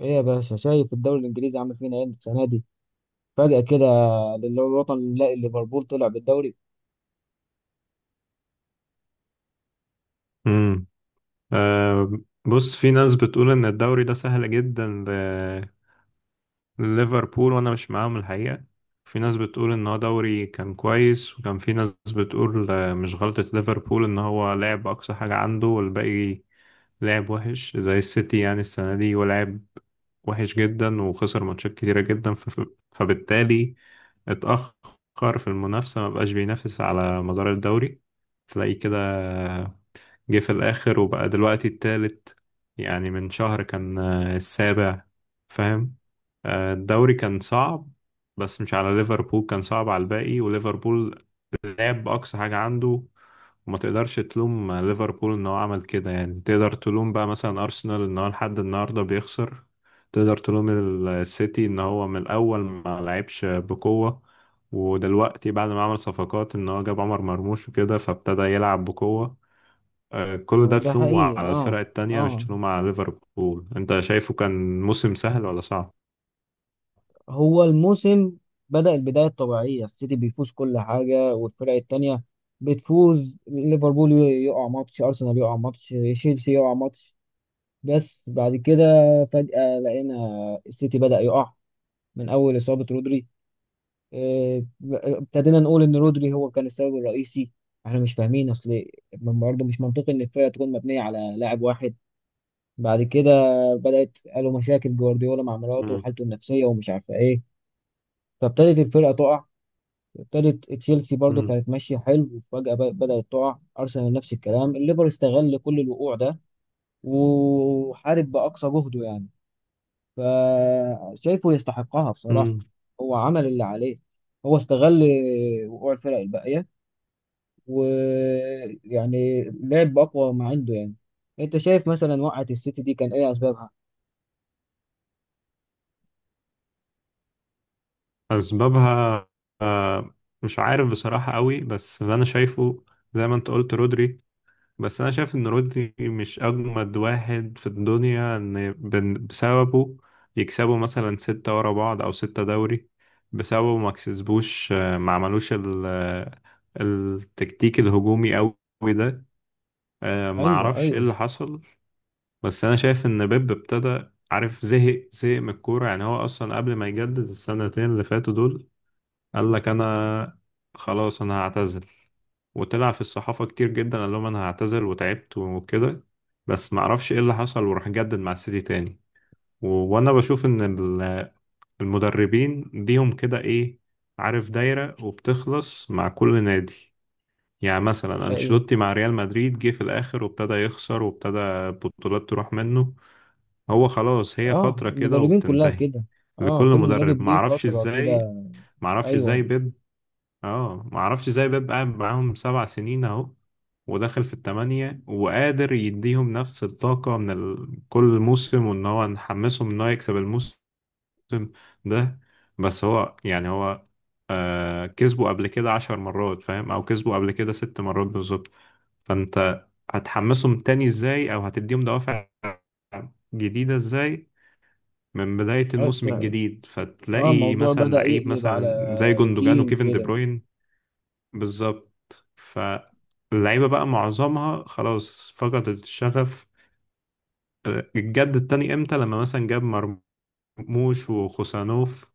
ايه يا باشا، شايف الدوري الانجليزي عامل فينا ايه السنه دي؟ فجاه كده للوطن نلاقي ليفربول طلع بالدوري. امم. أه. بص، في ناس بتقول ان الدوري ده سهل جدا لليفربول وانا مش معاهم الحقيقة. في ناس بتقول ان هو دوري كان كويس، وكان في ناس بتقول مش غلطة ليفربول ان هو لعب اقصى حاجة عنده، والباقي لعب وحش زي السيتي يعني السنة دي، ولعب وحش جدا وخسر ماتشات كتيرة جدا فبالتالي اتأخر في المنافسة، ما بقاش بينافس على مدار الدوري، تلاقيه كده جه في الآخر وبقى دلوقتي التالت. يعني من شهر كان السابع، فاهم؟ الدوري كان صعب، بس مش على ليفربول، كان صعب على الباقي وليفربول لعب بأقصى حاجة عنده. وما تقدرش تلوم ليفربول ان هو عمل كده، يعني تقدر تلوم بقى مثلا ارسنال ان هو لحد النهارده بيخسر، تقدر تلوم السيتي ان هو من الاول ما لعبش بقوة، ودلوقتي بعد ما عمل صفقات ان هو جاب عمر مرموش وكده فابتدى يلعب بقوة. كل هو ده ده تلومه حقيقي. على الفرق اه التانية، مش اه. تلومه على ليفربول. انت شايفه كان موسم سهل ولا صعب؟ هو الموسم بدأ البدايه الطبيعيه، السيتي بيفوز كل حاجه والفرق التانيه بتفوز، ليفربول يقع ماتش، ارسنال يقع ماتش، تشيلسي يقع ماتش. بس بعد كده فجاه لقينا السيتي بدأ يقع من اول اصابه رودري. آه، ابتدينا نقول ان رودري هو كان السبب الرئيسي. احنا مش فاهمين، اصل برضه مش منطقي ان الفرقه تكون مبنيه على لاعب واحد. بعد كده بدات، قالوا مشاكل جوارديولا مع مراته مم. وحالته النفسيه ومش عارفه ايه. فابتدت الفرقه تقع. ابتدت تشيلسي برضه مم. كانت ماشيه حلو وفجاه بدات تقع، ارسنال نفس الكلام، الليفر استغل كل الوقوع ده وحارب باقصى جهده يعني. فشايفه يستحقها بصراحه. مم. هو عمل اللي عليه، هو استغل وقوع الفرق الباقيه ويعني لعب اقوى ما عنده يعني. انت شايف مثلا وقعت السيتي دي كان ايه اسبابها؟ أسبابها آه، مش عارف بصراحة قوي، بس اللي أنا شايفه زي ما أنت قلت رودري. بس أنا شايف إن رودري مش أجمد واحد في الدنيا إن بسببه يكسبوا مثلا ستة ورا بعض أو ستة دوري، بسببه ما كسبوش ما عملوش التكتيك الهجومي قوي ده. ما ايوه اعرفش ايه ايوه اللي حصل. بس انا شايف ان بيب ابتدى عارف زهق زهق من الكوره، يعني هو اصلا قبل ما يجدد السنتين اللي فاتوا دول قال لك انا خلاص انا هعتزل، وطلع في الصحافه كتير جدا قال لهم انا هعتزل وتعبت وكده، بس ما اعرفش ايه اللي حصل وراح جدد مع السيتي تاني. وانا بشوف ان ال- المدربين ليهم كده ايه، عارف دايره وبتخلص مع كل نادي. يعني مثلا ايوه. انشيلوتي مع ريال مدريد جه في الاخر وابتدى يخسر وابتدى البطولات تروح منه، هو خلاص هي اه فترة كده المدربين كلها وبتنتهي كده، اه لكل كل مدرب مدرب. ليه معرفش فترة ازاي كده. معرفش ايوه. ازاي بيب. اه، معرفش ازاي بيب قاعد معاهم 7 سنين اهو، وداخل في التمانية، وقادر يديهم نفس الطاقة من كل موسم، وان هو نحمسهم ان هو يكسب الموسم ده. بس هو يعني هو كسبه قبل كده 10 مرات، فاهم، او كسبه قبل كده 6 مرات بالظبط. فانت هتحمسهم تاني ازاي، او هتديهم دوافع جديدة ازاي من بداية الموسم حتى الجديد؟ اه فتلاقي الموضوع مثلا بدأ لعيب يقلب على مثلا زي جوندوجان روتين وكيفن دي كده. بروين. بالظبط. فاللعيبة بقى معظمها خلاص فقدت الشغف، الجد التاني امتى؟ لما مثلا جاب مرموش وخوسانوف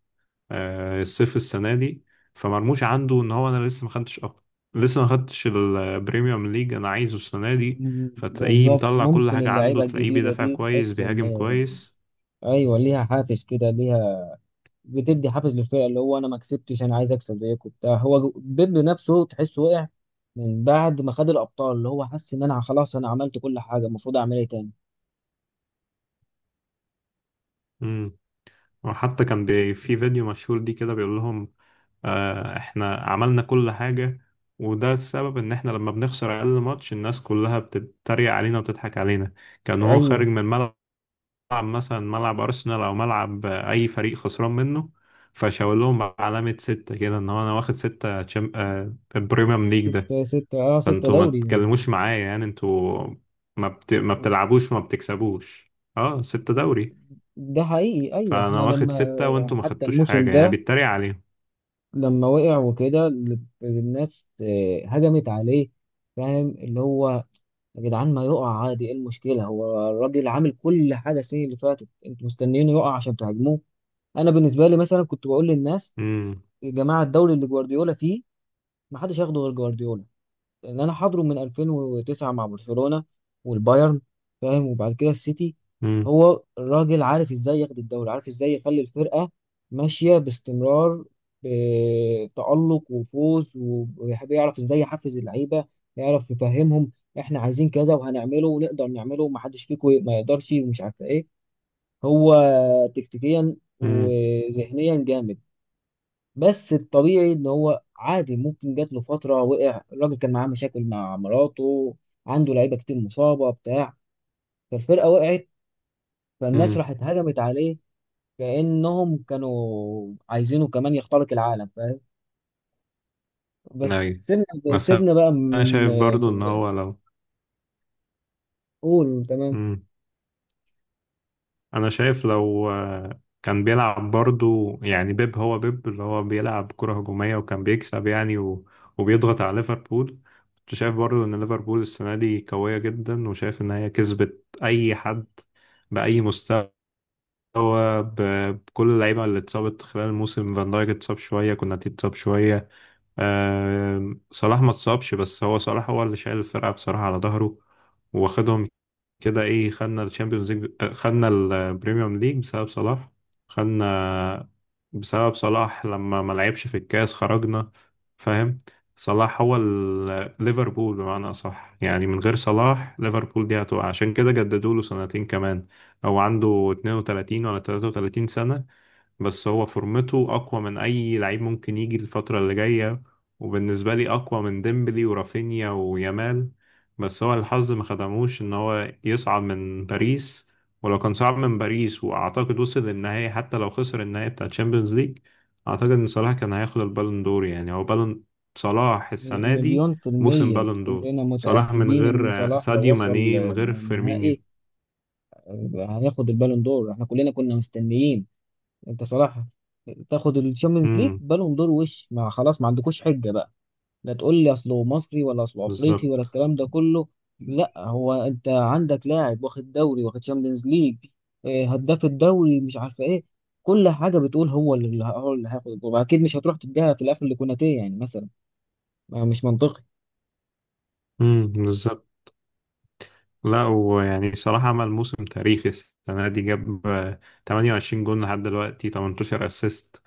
الصيف السنة دي، فمرموش عنده ان هو انا لسه ما خدتش لسه ما خدتش البريميوم ليج انا عايزه السنة دي. مم، فتلاقيه بالظبط، مطلع كل ممكن حاجة عنده، اللعيبة تلاقيه الجديدة بيدافع دي كويس تحس ان بيهاجم كويس. ايوه ليها حافز كده، ليها، بتدي حافز للفرقه، اللي هو انا ما كسبتش، انا عايز اكسب زيكم وبتاع. هو بيب نفسه تحسه وقع من بعد ما خد الابطال، اللي هو حس ان انا خلاص انا عملت كل حاجه، المفروض اعمل ايه تاني؟ امم. وحتى كان في فيديو مشهور دي كده بيقول لهم احنا عملنا كل حاجة، وده السبب ان احنا لما بنخسر اقل ماتش الناس كلها بتتريق علينا وتضحك علينا. كان هو خارج ايوه من الملعب، ملعب مثلا ملعب ارسنال او ملعب اي فريق خسران منه، فشاور لهم علامة ستة كده ان هو انا واخد ستة تشام... آه، البريميوم ليج ده، ستة ستة اه ستة فانتوا ما دوري. تتكلموش معايا، يعني انتوا ما بتلعبوش وما بتكسبوش، اه ستة دوري ده حقيقي ايوه. احنا فانا واخد لما ستة وانتوا ما حتى خدتوش الموسم حاجة، يعني ده بيتريق عليهم. لما وقع وكده الناس هجمت عليه. فاهم اللي هو يا جدعان ما يقع عادي، ايه المشكلة؟ هو الراجل عامل كل حاجة السنة اللي فاتت، انتوا مستنيينه يقع عشان تهاجموه. انا بالنسبه لي مثلا كنت بقول للناس امم. يا جماعه الدوري اللي جوارديولا فيه ما حدش ياخده غير جوارديولا، لان انا حاضره من 2009 مع برشلونه والبايرن، فاهم، وبعد كده السيتي. امم. هو الراجل عارف ازاي ياخد الدوري، عارف ازاي يخلي الفرقه ماشيه باستمرار بتألق وفوز، وبيحب يعرف ازاي يحفز اللعيبه، يعرف يفهمهم احنا عايزين كذا وهنعمله ونقدر نعمله ومحدش فيكم ما يقدرش ومش عارف ايه. هو تكتيكيا امم. وذهنيا جامد. بس الطبيعي ان هو عادي ممكن جات له فتره وقع، الراجل كان معاه مشاكل مع مراته، عنده لعيبه كتير مصابه بتاع، فالفرقه وقعت، فالناس امم. راحت هجمت عليه كانهم كانوا عايزينه كمان يخترق العالم، فاهم. بس ايوه، سيبنا، بس سيبنا بقى انا من شايف برضو ان من- هو لو قول تمام. انا شايف لو كان بيلعب برضو يعني بيب، هو بيب اللي هو بيلعب كرة هجومية وكان بيكسب يعني وبيضغط على ليفربول، كنت شايف برضو ان ليفربول السنة دي قوية جدا، وشايف ان هي كسبت اي حد بأي مستوى بكل اللعيبة اللي اتصابت خلال الموسم. فان دايك اتصاب شوية، كوناتي اتصاب شوية، صلاح ما اتصابش، بس هو صلاح هو اللي شايل الفرقة بصراحة على ظهره، واخدهم كده ايه، خدنا الشامبيونز ليج خدنا البريميوم ليج بسبب صلاح، خدنا بسبب صلاح، لما ما لعبش في الكاس خرجنا، فاهم. صلاح هو ليفربول بمعنى اصح، يعني من غير صلاح ليفربول دي هتقع، عشان كده جددوا له سنتين كمان. او عنده 32 ولا 33 سنة، بس هو فورمته اقوى من اي لعيب ممكن يجي الفترة اللي جاية، وبالنسبة لي اقوى من ديمبلي ورافينيا ويامال. بس هو الحظ ما خدموش ان هو يصعد من باريس، ولو كان صعد من باريس واعتقد وصل للنهاية، حتى لو خسر النهاية بتاع تشامبيونز ليج، اعتقد ان صلاح كان هياخد البالون دور، يعني هو بالون صلاح السنة دي، مليون في موسم المية بالون دور، كلنا صلاح من متأكدين إن غير صلاح لو ساديو وصل ماني من غير النهائي فيرمينيو. هياخد البالون دور. احنا كلنا كنا مستنيين، انت صراحه تاخد الشامبيونز ليج، امم، بالون دور، وش مع خلاص، ما عندكوش حجه بقى. لا تقول لي اصله مصري ولا اصله افريقي ولا بالظبط. الكلام ده كله. لا، هو انت عندك لاعب واخد دوري، واخد شامبيونز ليج، هداف الدوري، مش عارفه ايه، كل حاجه بتقول هو اللي هياخد الكوره اكيد، مش هتروح تديها في الاخر لكوناتيه يعني مثلا، ما مش منطقي. امم، بالظبط. لا، ويعني صراحة عمل موسم تاريخي السنة دي، جاب 28 جون لحد دلوقتي، 18 اسيست،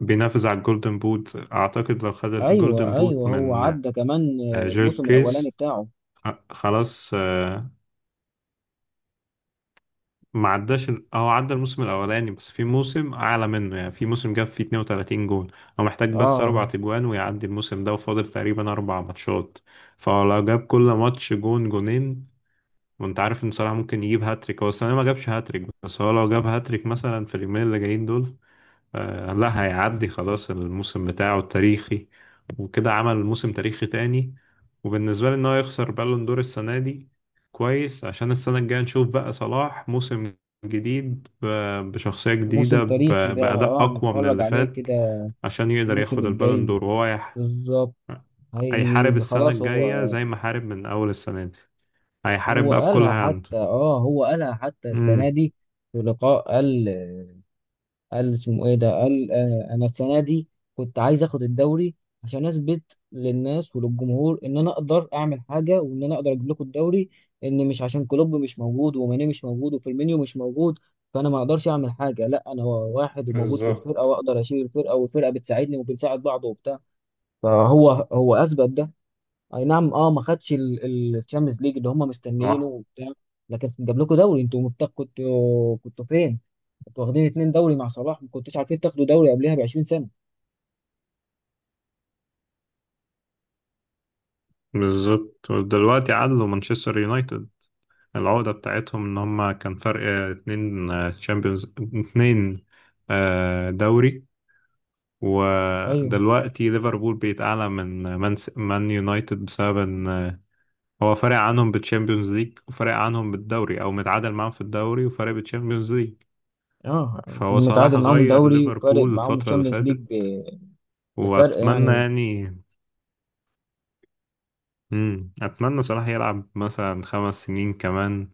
بينافس على الجولدن بوت. أعتقد لو خد ايوه الجولدن بوت ايوه هو من عدى كمان جيل الموسم الاولاني كريس، بتاعه. خلاص، ما عداش أو عدى الموسم الأولاني، بس في موسم أعلى منه يعني في موسم جاب فيه 32 جون. هو محتاج بس أربع اه تجوان ويعدي الموسم ده، وفاضل تقريبا أربع ماتشات، فلو جاب كل ماتش جون جونين، وانت عارف ان صلاح ممكن يجيب هاتريك، هو السنه ما جابش هاتريك بس هو لو جاب هاتريك مثلا في اليومين اللي جايين دول، لا هيعدي خلاص الموسم بتاعه التاريخي، وكده عمل موسم تاريخي تاني. وبالنسبه لي ان هو يخسر بالون دور السنه دي كويس، عشان السنه الجايه نشوف بقى صلاح موسم جديد بشخصيه موسم جديده تاريخي ده، باداء اه اقوى من نتفرج اللي عليه فات، كده عشان يقدر الموسم ياخد البالون الجاي. دور. وهو بالظبط. هيحارب هي السنه خلاص هو، الجايه زي ما حارب من اول السنه دي، هيحارب هو بقى بكل قالها اللي حتى، اه هو قالها حتى السنة عنده. دي في لقاء، قال، قال اسمه ايه ده، قال آه انا السنة دي كنت عايز اخد الدوري عشان اثبت للناس وللجمهور ان انا اقدر اعمل حاجة، وان انا اقدر اجيب لكم الدوري، ان مش عشان كلوب مش موجود وماني مش موجود وفيرمينيو مش موجود فانا ما اقدرش اعمل حاجة، لا انا واحد وموجود في الفرقة بالظبط. واقدر اشيل الفرقة والفرقة بتساعدني وبنساعد بعض وبتاع. فهو هو اثبت ده. اي نعم اه ما خدش الشامبيونز ليج اللي هم مستنيينه اه، وبتاع، لكن جاب لكم دوري. انتوا مبتغ كنتوا، كنتوا فين؟ كنتوا واخدين اتنين دوري مع صلاح، ما كنتوش عارفين تاخدوا دوري قبلها ب 20 سنه. بالظبط. ودلوقتي عدلوا مانشستر يونايتد، العودة بتاعتهم ان هم كان فرق اتنين تشامبيونز، اتنين دوري. ايوه ودلوقتي ليفربول بقت اعلى من مان يونايتد، بسبب ان هو فارق عنهم بالتشامبيونز ليج، وفارق عنهم بالدوري او متعادل معاهم في الدوري وفارق بالتشامبيونز ليج. اه. فهو صلاح متعادل معاهم غير دوري وفارق ليفربول معاهم الفترة اللي الشامبيونز ليج فاتت، بفرق واتمنى يعني. يعني اتمنى صلاح يلعب مثلا 5 سنين كمان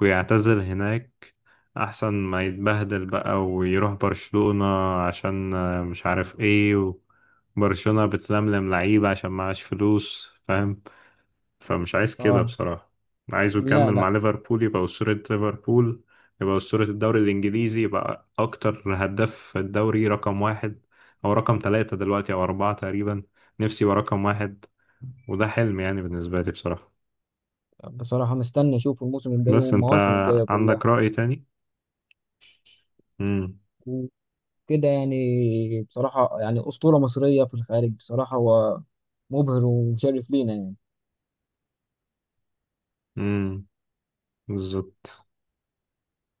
ويعتزل هناك، احسن ما يتبهدل بقى ويروح برشلونة عشان مش عارف ايه، وبرشلونة بتلملم لعيبة عشان معاش فلوس فاهم، فمش عايز كده اه بصراحة. عايزه لا يكمل مع لا، ليفربول، يبقى أسطورة ليفربول، يبقى أسطورة الدوري الإنجليزي، يبقى أكتر هداف في الدوري رقم واحد، أو رقم ثلاثة دلوقتي أو أربعة تقريبا، نفسي يبقى رقم واحد، وده حلم يعني بالنسبة لي بصراحة. بصراحه مستني اشوف الموسم الجاي بس انت والمواسم الجايه كلها عندك رأي تاني؟ امم. وكده يعني. بصراحه يعني اسطوره مصريه في الخارج، بصراحه هو مبهر ومشرف لينا يعني. امم، بالظبط.